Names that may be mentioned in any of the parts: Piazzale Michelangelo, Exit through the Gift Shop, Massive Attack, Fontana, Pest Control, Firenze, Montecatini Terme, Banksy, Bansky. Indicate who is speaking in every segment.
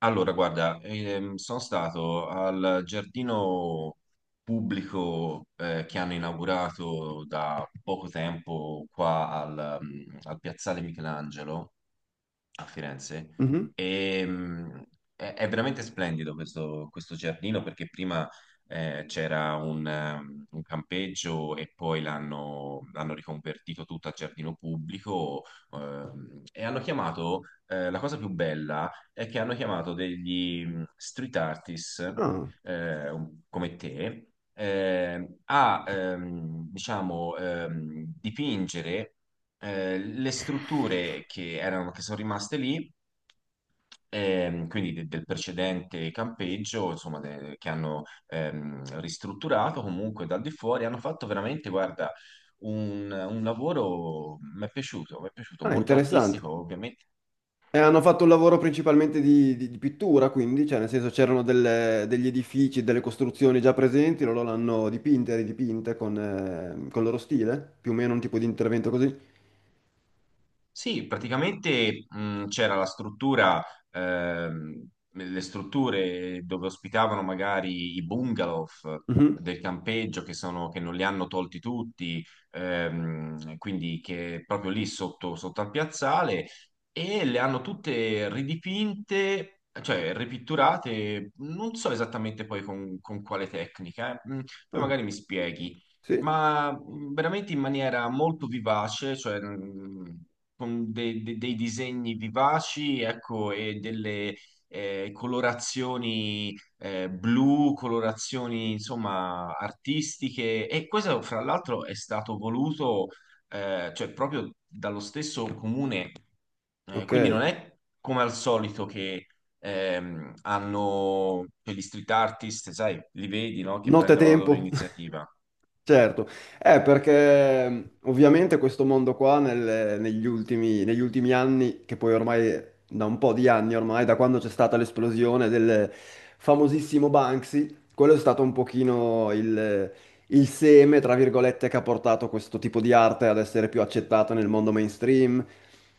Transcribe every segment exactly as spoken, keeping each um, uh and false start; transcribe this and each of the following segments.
Speaker 1: Allora, guarda, ehm, sono stato al giardino pubblico eh, che hanno inaugurato da poco tempo qua al, mm, al Piazzale Michelangelo a Firenze.
Speaker 2: Mhm.
Speaker 1: E, mh, è, è veramente splendido questo, questo giardino perché prima eh, c'era un, ehm, un campeggio e poi l'hanno l'hanno riconvertito tutto a giardino pubblico. Ehm, e hanno chiamato, eh, la cosa più bella è che hanno chiamato degli mh, street artist
Speaker 2: Ah,
Speaker 1: eh, un- come te, eh, a ehm, diciamo, ehm, dipingere eh, le strutture che erano, che sono rimaste lì, ehm, quindi de- del precedente campeggio, insomma, de- che hanno ehm, ristrutturato comunque dal di fuori. Hanno fatto veramente, guarda, un, un lavoro, mi è piaciuto, mi è piaciuto,
Speaker 2: ah,
Speaker 1: molto
Speaker 2: Interessante.
Speaker 1: artistico, ovviamente.
Speaker 2: E hanno fatto un lavoro principalmente di, di- di pittura, quindi, cioè nel senso c'erano delle- degli edifici, delle costruzioni già presenti, loro l'hanno dipinte, ridipinte con, eh, con il loro stile, più o meno un tipo di intervento così.
Speaker 1: Sì, praticamente, mh, c'era la struttura, ehm, le strutture dove ospitavano magari i bungalow
Speaker 2: Mhm.
Speaker 1: del campeggio, che sono, che non li hanno tolti tutti, ehm, quindi che proprio lì sotto, sotto al piazzale, e le hanno tutte ridipinte, cioè ripitturate, non so esattamente poi con, con quale tecnica, eh. Mm, Poi
Speaker 2: Ah,
Speaker 1: magari mi spieghi,
Speaker 2: sì,
Speaker 1: ma mh, veramente in maniera molto vivace, cioè, mh, con de- de- dei disegni vivaci, ecco, e delle eh, colorazioni, eh, blu, colorazioni insomma artistiche. E questo, fra l'altro, è stato voluto, eh, cioè, proprio dallo stesso comune. Eh, quindi
Speaker 2: ok.
Speaker 1: non è come al solito che ehm, hanno per gli street artist, sai, li vedi, no? Che
Speaker 2: Notte e
Speaker 1: prendono la loro
Speaker 2: tempo.
Speaker 1: iniziativa.
Speaker 2: Certo, eh, perché mh, ovviamente questo mondo qua nel- negli ultimi, negli ultimi anni, che poi ormai da un po' di anni ormai, da quando c'è stata l'esplosione del famosissimo Banksy, quello è stato un pochino il, il seme, tra virgolette, che ha portato questo tipo di arte ad essere più accettata nel mondo mainstream,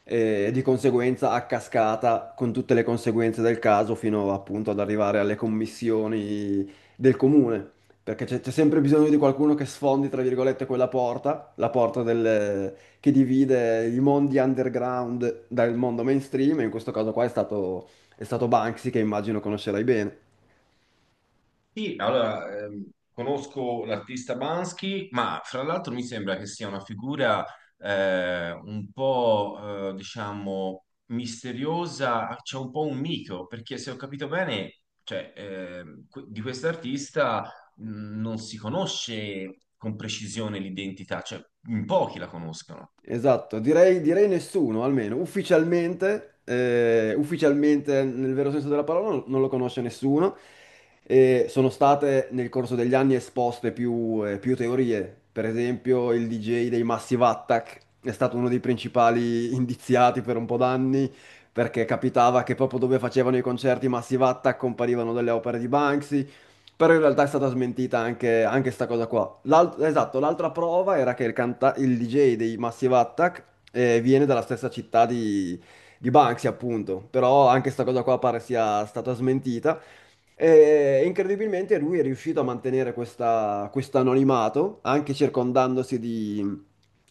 Speaker 2: eh, e di conseguenza a cascata con tutte le conseguenze del caso fino appunto ad arrivare alle commissioni del comune, perché c'è c'è sempre bisogno di qualcuno che sfondi, tra virgolette, quella porta, la porta del- che divide i mondi underground dal mondo mainstream, e in questo caso qua è stato, è stato Banksy, che immagino conoscerai bene.
Speaker 1: Sì, allora, ehm, conosco l'artista Bansky, ma fra l'altro mi sembra che sia una figura eh, un po', eh, diciamo, misteriosa, c'è un po' un mito, perché se ho capito bene, cioè, ehm, que- di quest'artista mh, non si conosce con precisione l'identità, cioè in pochi la conoscono.
Speaker 2: Esatto, direi, direi nessuno, almeno ufficialmente, eh, ufficialmente nel vero senso della parola non, non lo conosce nessuno. E sono state nel corso degli anni esposte più, eh, più teorie, per esempio il D J dei Massive Attack è stato uno dei principali indiziati per un po' d'anni, perché capitava che proprio dove facevano i concerti Massive Attack comparivano delle opere di Banksy. Però in realtà è stata smentita anche, anche sta cosa qua. L'alt- esatto, l'altra prova era che il, canta- il D J dei Massive Attack, eh, viene dalla stessa città di, di Banksy, appunto. Però anche sta cosa qua pare sia stata smentita. E incredibilmente lui è riuscito a mantenere questa, questo anonimato, anche circondandosi di,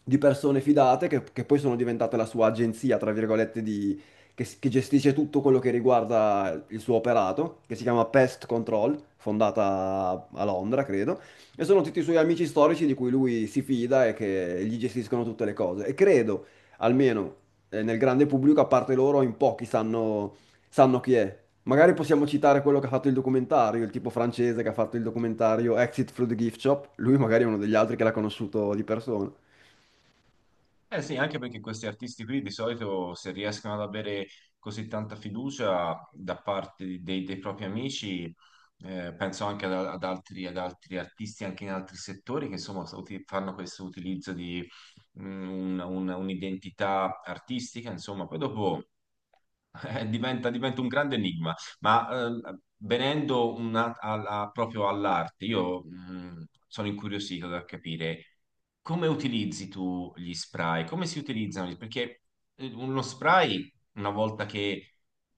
Speaker 2: di persone fidate che, che poi sono diventate la sua agenzia, tra virgolette, di che, s- che gestisce tutto quello che riguarda il suo operato, che si chiama Pest Control, fondata a Londra, credo, e sono tutti i suoi amici storici di cui lui si fida e che gli gestiscono tutte le cose. E credo, almeno, eh, nel grande pubblico, a parte loro, in pochi sanno, sanno chi è. Magari possiamo citare quello che ha fatto il documentario, il tipo francese che ha fatto il documentario Exit through the Gift Shop. Lui magari è uno degli altri che l'ha conosciuto di persona.
Speaker 1: Eh sì, anche perché questi artisti qui di solito, se riescono ad avere così tanta fiducia da parte di- dei, dei propri amici, eh, penso anche ad, ad altri, ad altri artisti anche in altri settori che insomma so- uti- fanno questo utilizzo di mm, un- un- un'identità artistica, insomma, poi dopo eh, diventa, diventa un grande enigma. Ma eh, venendo una- alla- proprio all'arte, io mh, sono incuriosito da capire come utilizzi tu gli spray, come si utilizzano, gli- perché eh, uno spray, una volta che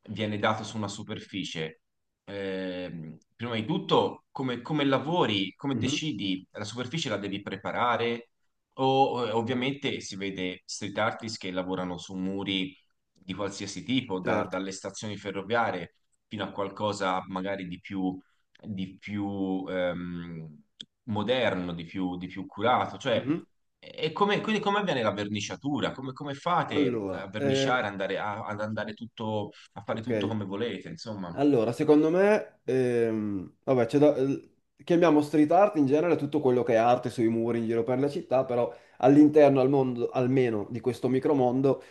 Speaker 1: viene dato su una superficie, ehm, prima di tutto come, come lavori, come
Speaker 2: Mhm.
Speaker 1: decidi? La superficie la devi preparare, o eh, ovviamente si vede street artist che lavorano su muri di qualsiasi tipo, da-
Speaker 2: Certo.
Speaker 1: dalle stazioni ferroviarie fino a qualcosa magari di più, di più ehm, moderno, di più, di più curato. Cioè,
Speaker 2: Mhm.
Speaker 1: e come, quindi come avviene la verniciatura? Come, come fate
Speaker 2: Allora,
Speaker 1: a
Speaker 2: eh,
Speaker 1: verniciare, andare a- ad andare tutto, a fare
Speaker 2: ok.
Speaker 1: tutto come volete? Insomma,
Speaker 2: Allora, secondo me, ehm, vabbè, c'è da- eh, chiamiamo street art in genere tutto quello che è arte sui muri in giro per la città, però all'interno, al mondo, almeno di questo micromondo,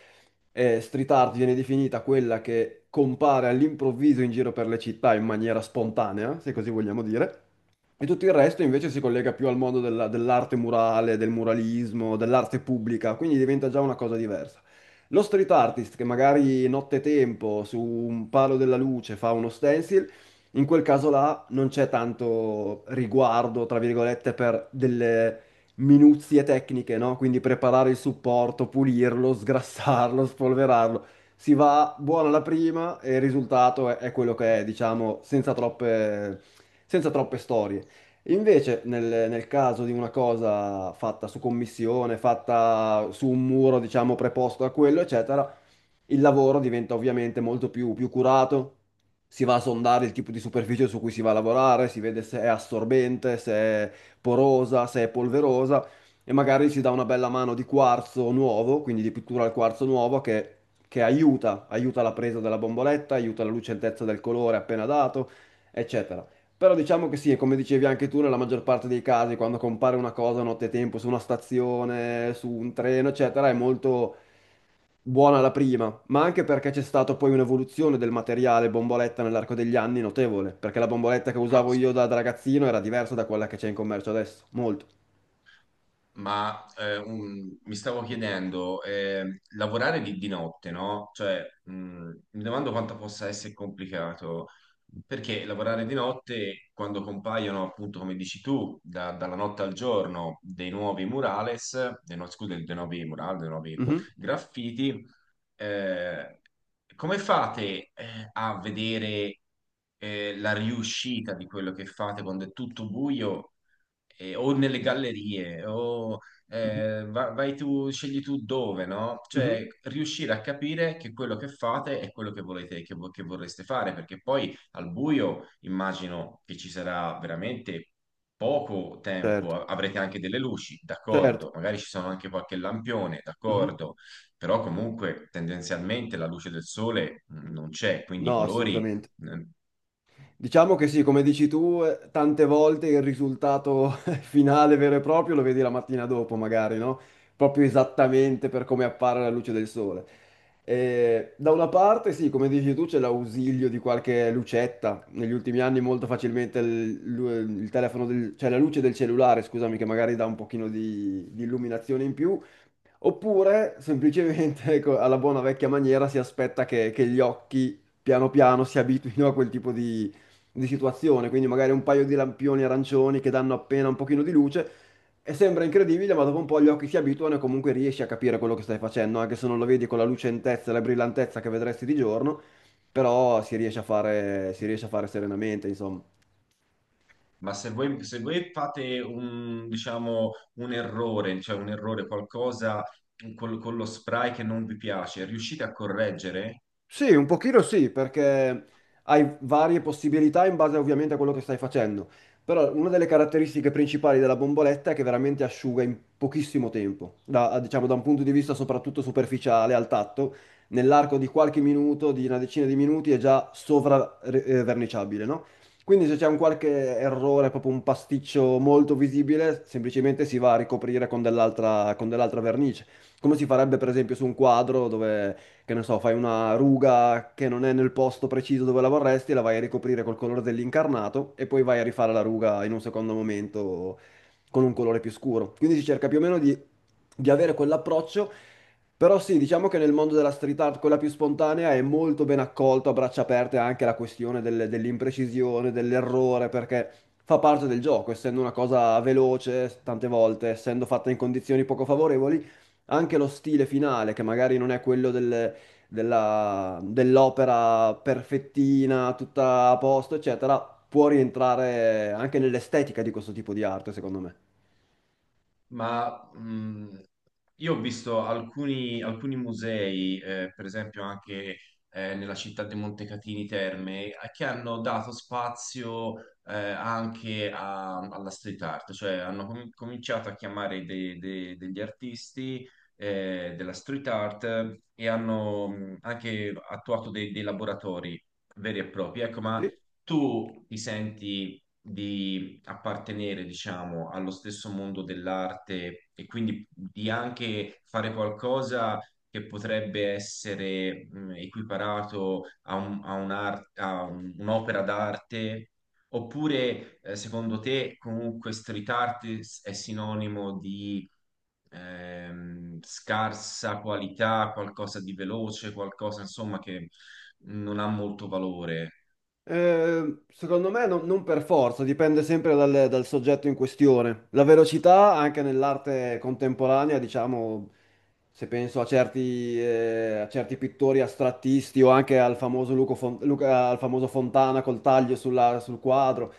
Speaker 2: eh, street art viene definita quella che compare all'improvviso in giro per le città in maniera spontanea, se così vogliamo dire, e tutto il resto invece si collega più al mondo della- dell'arte murale, del muralismo, dell'arte pubblica, quindi diventa già una cosa diversa. Lo street artist che magari nottetempo su un palo della luce fa uno stencil, in quel caso là non c'è tanto riguardo, tra virgolette, per delle minuzie tecniche, no? Quindi preparare il supporto, pulirlo, sgrassarlo, spolverarlo. Si va buona la prima e il risultato è, è quello che è, diciamo, senza troppe, senza troppe storie. Invece, nel, nel caso di una cosa fatta su commissione, fatta su un muro, diciamo, preposto a quello, eccetera, il lavoro diventa ovviamente molto più, più curato. Si va a sondare il tipo di superficie su cui si va a lavorare, si vede se è assorbente, se è porosa, se è polverosa, e magari si dà una bella mano di quarzo nuovo, quindi di pittura al quarzo nuovo, che, che aiuta, aiuta la presa della bomboletta, aiuta la lucentezza del colore appena dato, eccetera. Però diciamo che sì, e come dicevi anche tu, nella maggior parte dei casi, quando compare una cosa a nottetempo su una stazione, su un treno, eccetera, è molto buona la prima, ma anche perché c'è stata poi un'evoluzione del materiale bomboletta nell'arco degli anni notevole, perché la bomboletta che
Speaker 1: ma
Speaker 2: usavo
Speaker 1: s-
Speaker 2: io da, da ragazzino era diversa da quella che c'è in commercio adesso, molto.
Speaker 1: ma eh, un- mi stavo chiedendo, eh, lavorare di, di notte, no? Cioè, mh, mi domando quanto possa essere complicato, perché lavorare di notte, quando compaiono, appunto, come dici tu, da- dalla notte al giorno, dei nuovi murales, dei, no- scusa, dei nuovi murales, dei nuovi
Speaker 2: Mhm,
Speaker 1: graffiti, eh, come fate eh, a vedere eh, la riuscita di quello che fate quando è tutto buio? E- o nelle gallerie, o
Speaker 2: mhm,
Speaker 1: eh, va- vai tu, scegli tu dove, no?
Speaker 2: mhm.
Speaker 1: Cioè, riuscire a capire che quello che fate è quello che volete, che, vo- che vorreste fare, perché poi al buio immagino che ci sarà veramente poco tempo.
Speaker 2: Certo,
Speaker 1: A- avrete anche delle luci,
Speaker 2: certo.
Speaker 1: d'accordo, magari ci sono anche qualche lampione,
Speaker 2: Mhm.
Speaker 1: d'accordo, però comunque tendenzialmente la luce del sole mh, non c'è, quindi i
Speaker 2: No,
Speaker 1: colori…
Speaker 2: assolutamente.
Speaker 1: mm,
Speaker 2: Diciamo che sì, come dici tu, eh, tante volte il risultato finale vero e proprio lo vedi la mattina dopo, magari, no? Proprio esattamente per come appare alla luce del sole. Eh, da una parte, sì, come dici tu, c'è l'ausilio di qualche lucetta. Negli ultimi anni molto facilmente il, lu- il telefono del- cioè la luce del cellulare, scusami, che magari dà un pochino di, di illuminazione in più. Oppure semplicemente ecco, alla buona vecchia maniera si aspetta che, che gli occhi piano piano si abituino a quel tipo di, di situazione, quindi magari un paio di lampioni arancioni che danno appena un pochino di luce, e sembra incredibile, ma dopo un po' gli occhi si abituano e comunque riesci a capire quello che stai facendo, anche se non lo vedi con la lucentezza e la brillantezza che vedresti di giorno, però si riesce a fare, si riesce a fare serenamente, insomma.
Speaker 1: Ma se voi, se voi fate un, diciamo, un errore, cioè un errore, qualcosa col- con lo spray che non vi piace, riuscite a correggere?
Speaker 2: Sì, un pochino sì, perché hai varie possibilità in base ovviamente a quello che stai facendo. Però una delle caratteristiche principali della bomboletta è che veramente asciuga in pochissimo tempo, da, diciamo da un punto di vista soprattutto superficiale al tatto, nell'arco di qualche minuto, di una decina di minuti è già sovraverniciabile, no? Quindi se c'è un qualche errore, proprio un pasticcio molto visibile, semplicemente si va a ricoprire con dell'altra con dell'altra vernice, come si farebbe per esempio su un quadro dove, che ne so, fai una ruga che non è nel posto preciso dove la vorresti, e la vai a ricoprire col colore dell'incarnato e poi vai a rifare la ruga in un secondo momento con un colore più scuro. Quindi si cerca più o meno di, di avere quell'approccio, però sì, diciamo che nel mondo della street art, quella più spontanea, è molto ben accolto a braccia aperte anche la questione del- dell'imprecisione, dell'errore, perché fa parte del gioco, essendo una cosa veloce, tante volte, essendo fatta in condizioni poco favorevoli, anche lo stile finale, che magari non è quello del della- dell'opera perfettina, tutta a posto, eccetera, può rientrare anche nell'estetica di questo tipo di arte, secondo me.
Speaker 1: Ma mh, io ho visto alcuni, alcuni musei, eh, per esempio anche eh, nella città di Montecatini Terme, eh, che hanno dato spazio eh, anche a- alla street art, cioè hanno com- cominciato a chiamare de- de- degli artisti eh, della street art, e hanno mh, anche attuato dei, dei laboratori veri e propri. Ecco, ma
Speaker 2: Sì.
Speaker 1: tu ti senti appartenere, diciamo, allo stesso mondo dell'arte, e quindi di anche fare qualcosa che potrebbe essere mh, equiparato a un- a un'ar- a un- un'opera d'arte, oppure eh, secondo te comunque street art è sinonimo di ehm, scarsa qualità, qualcosa di veloce, qualcosa insomma che non ha molto valore?
Speaker 2: Eh, secondo me non, non per forza, dipende sempre dal, dal soggetto in questione. La velocità, anche nell'arte contemporanea, diciamo, se penso a certi, eh, a certi pittori astrattisti o anche al famoso, Luco Fon- Luca- al famoso Fontana col taglio sulla- sul quadro,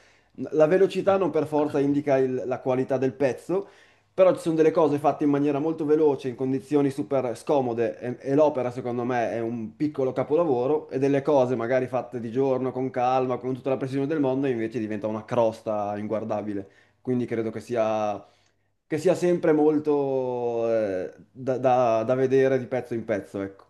Speaker 2: la
Speaker 1: Eh.
Speaker 2: velocità non per forza indica il- la qualità del pezzo. Però ci sono delle cose fatte in maniera molto veloce, in condizioni super scomode e, e l'opera secondo me è un piccolo capolavoro, e delle cose magari fatte di giorno, con calma, con tutta la precisione del mondo, invece diventa una crosta inguardabile. Quindi credo che sia, che sia sempre molto eh, da, da da vedere di pezzo in pezzo, ecco.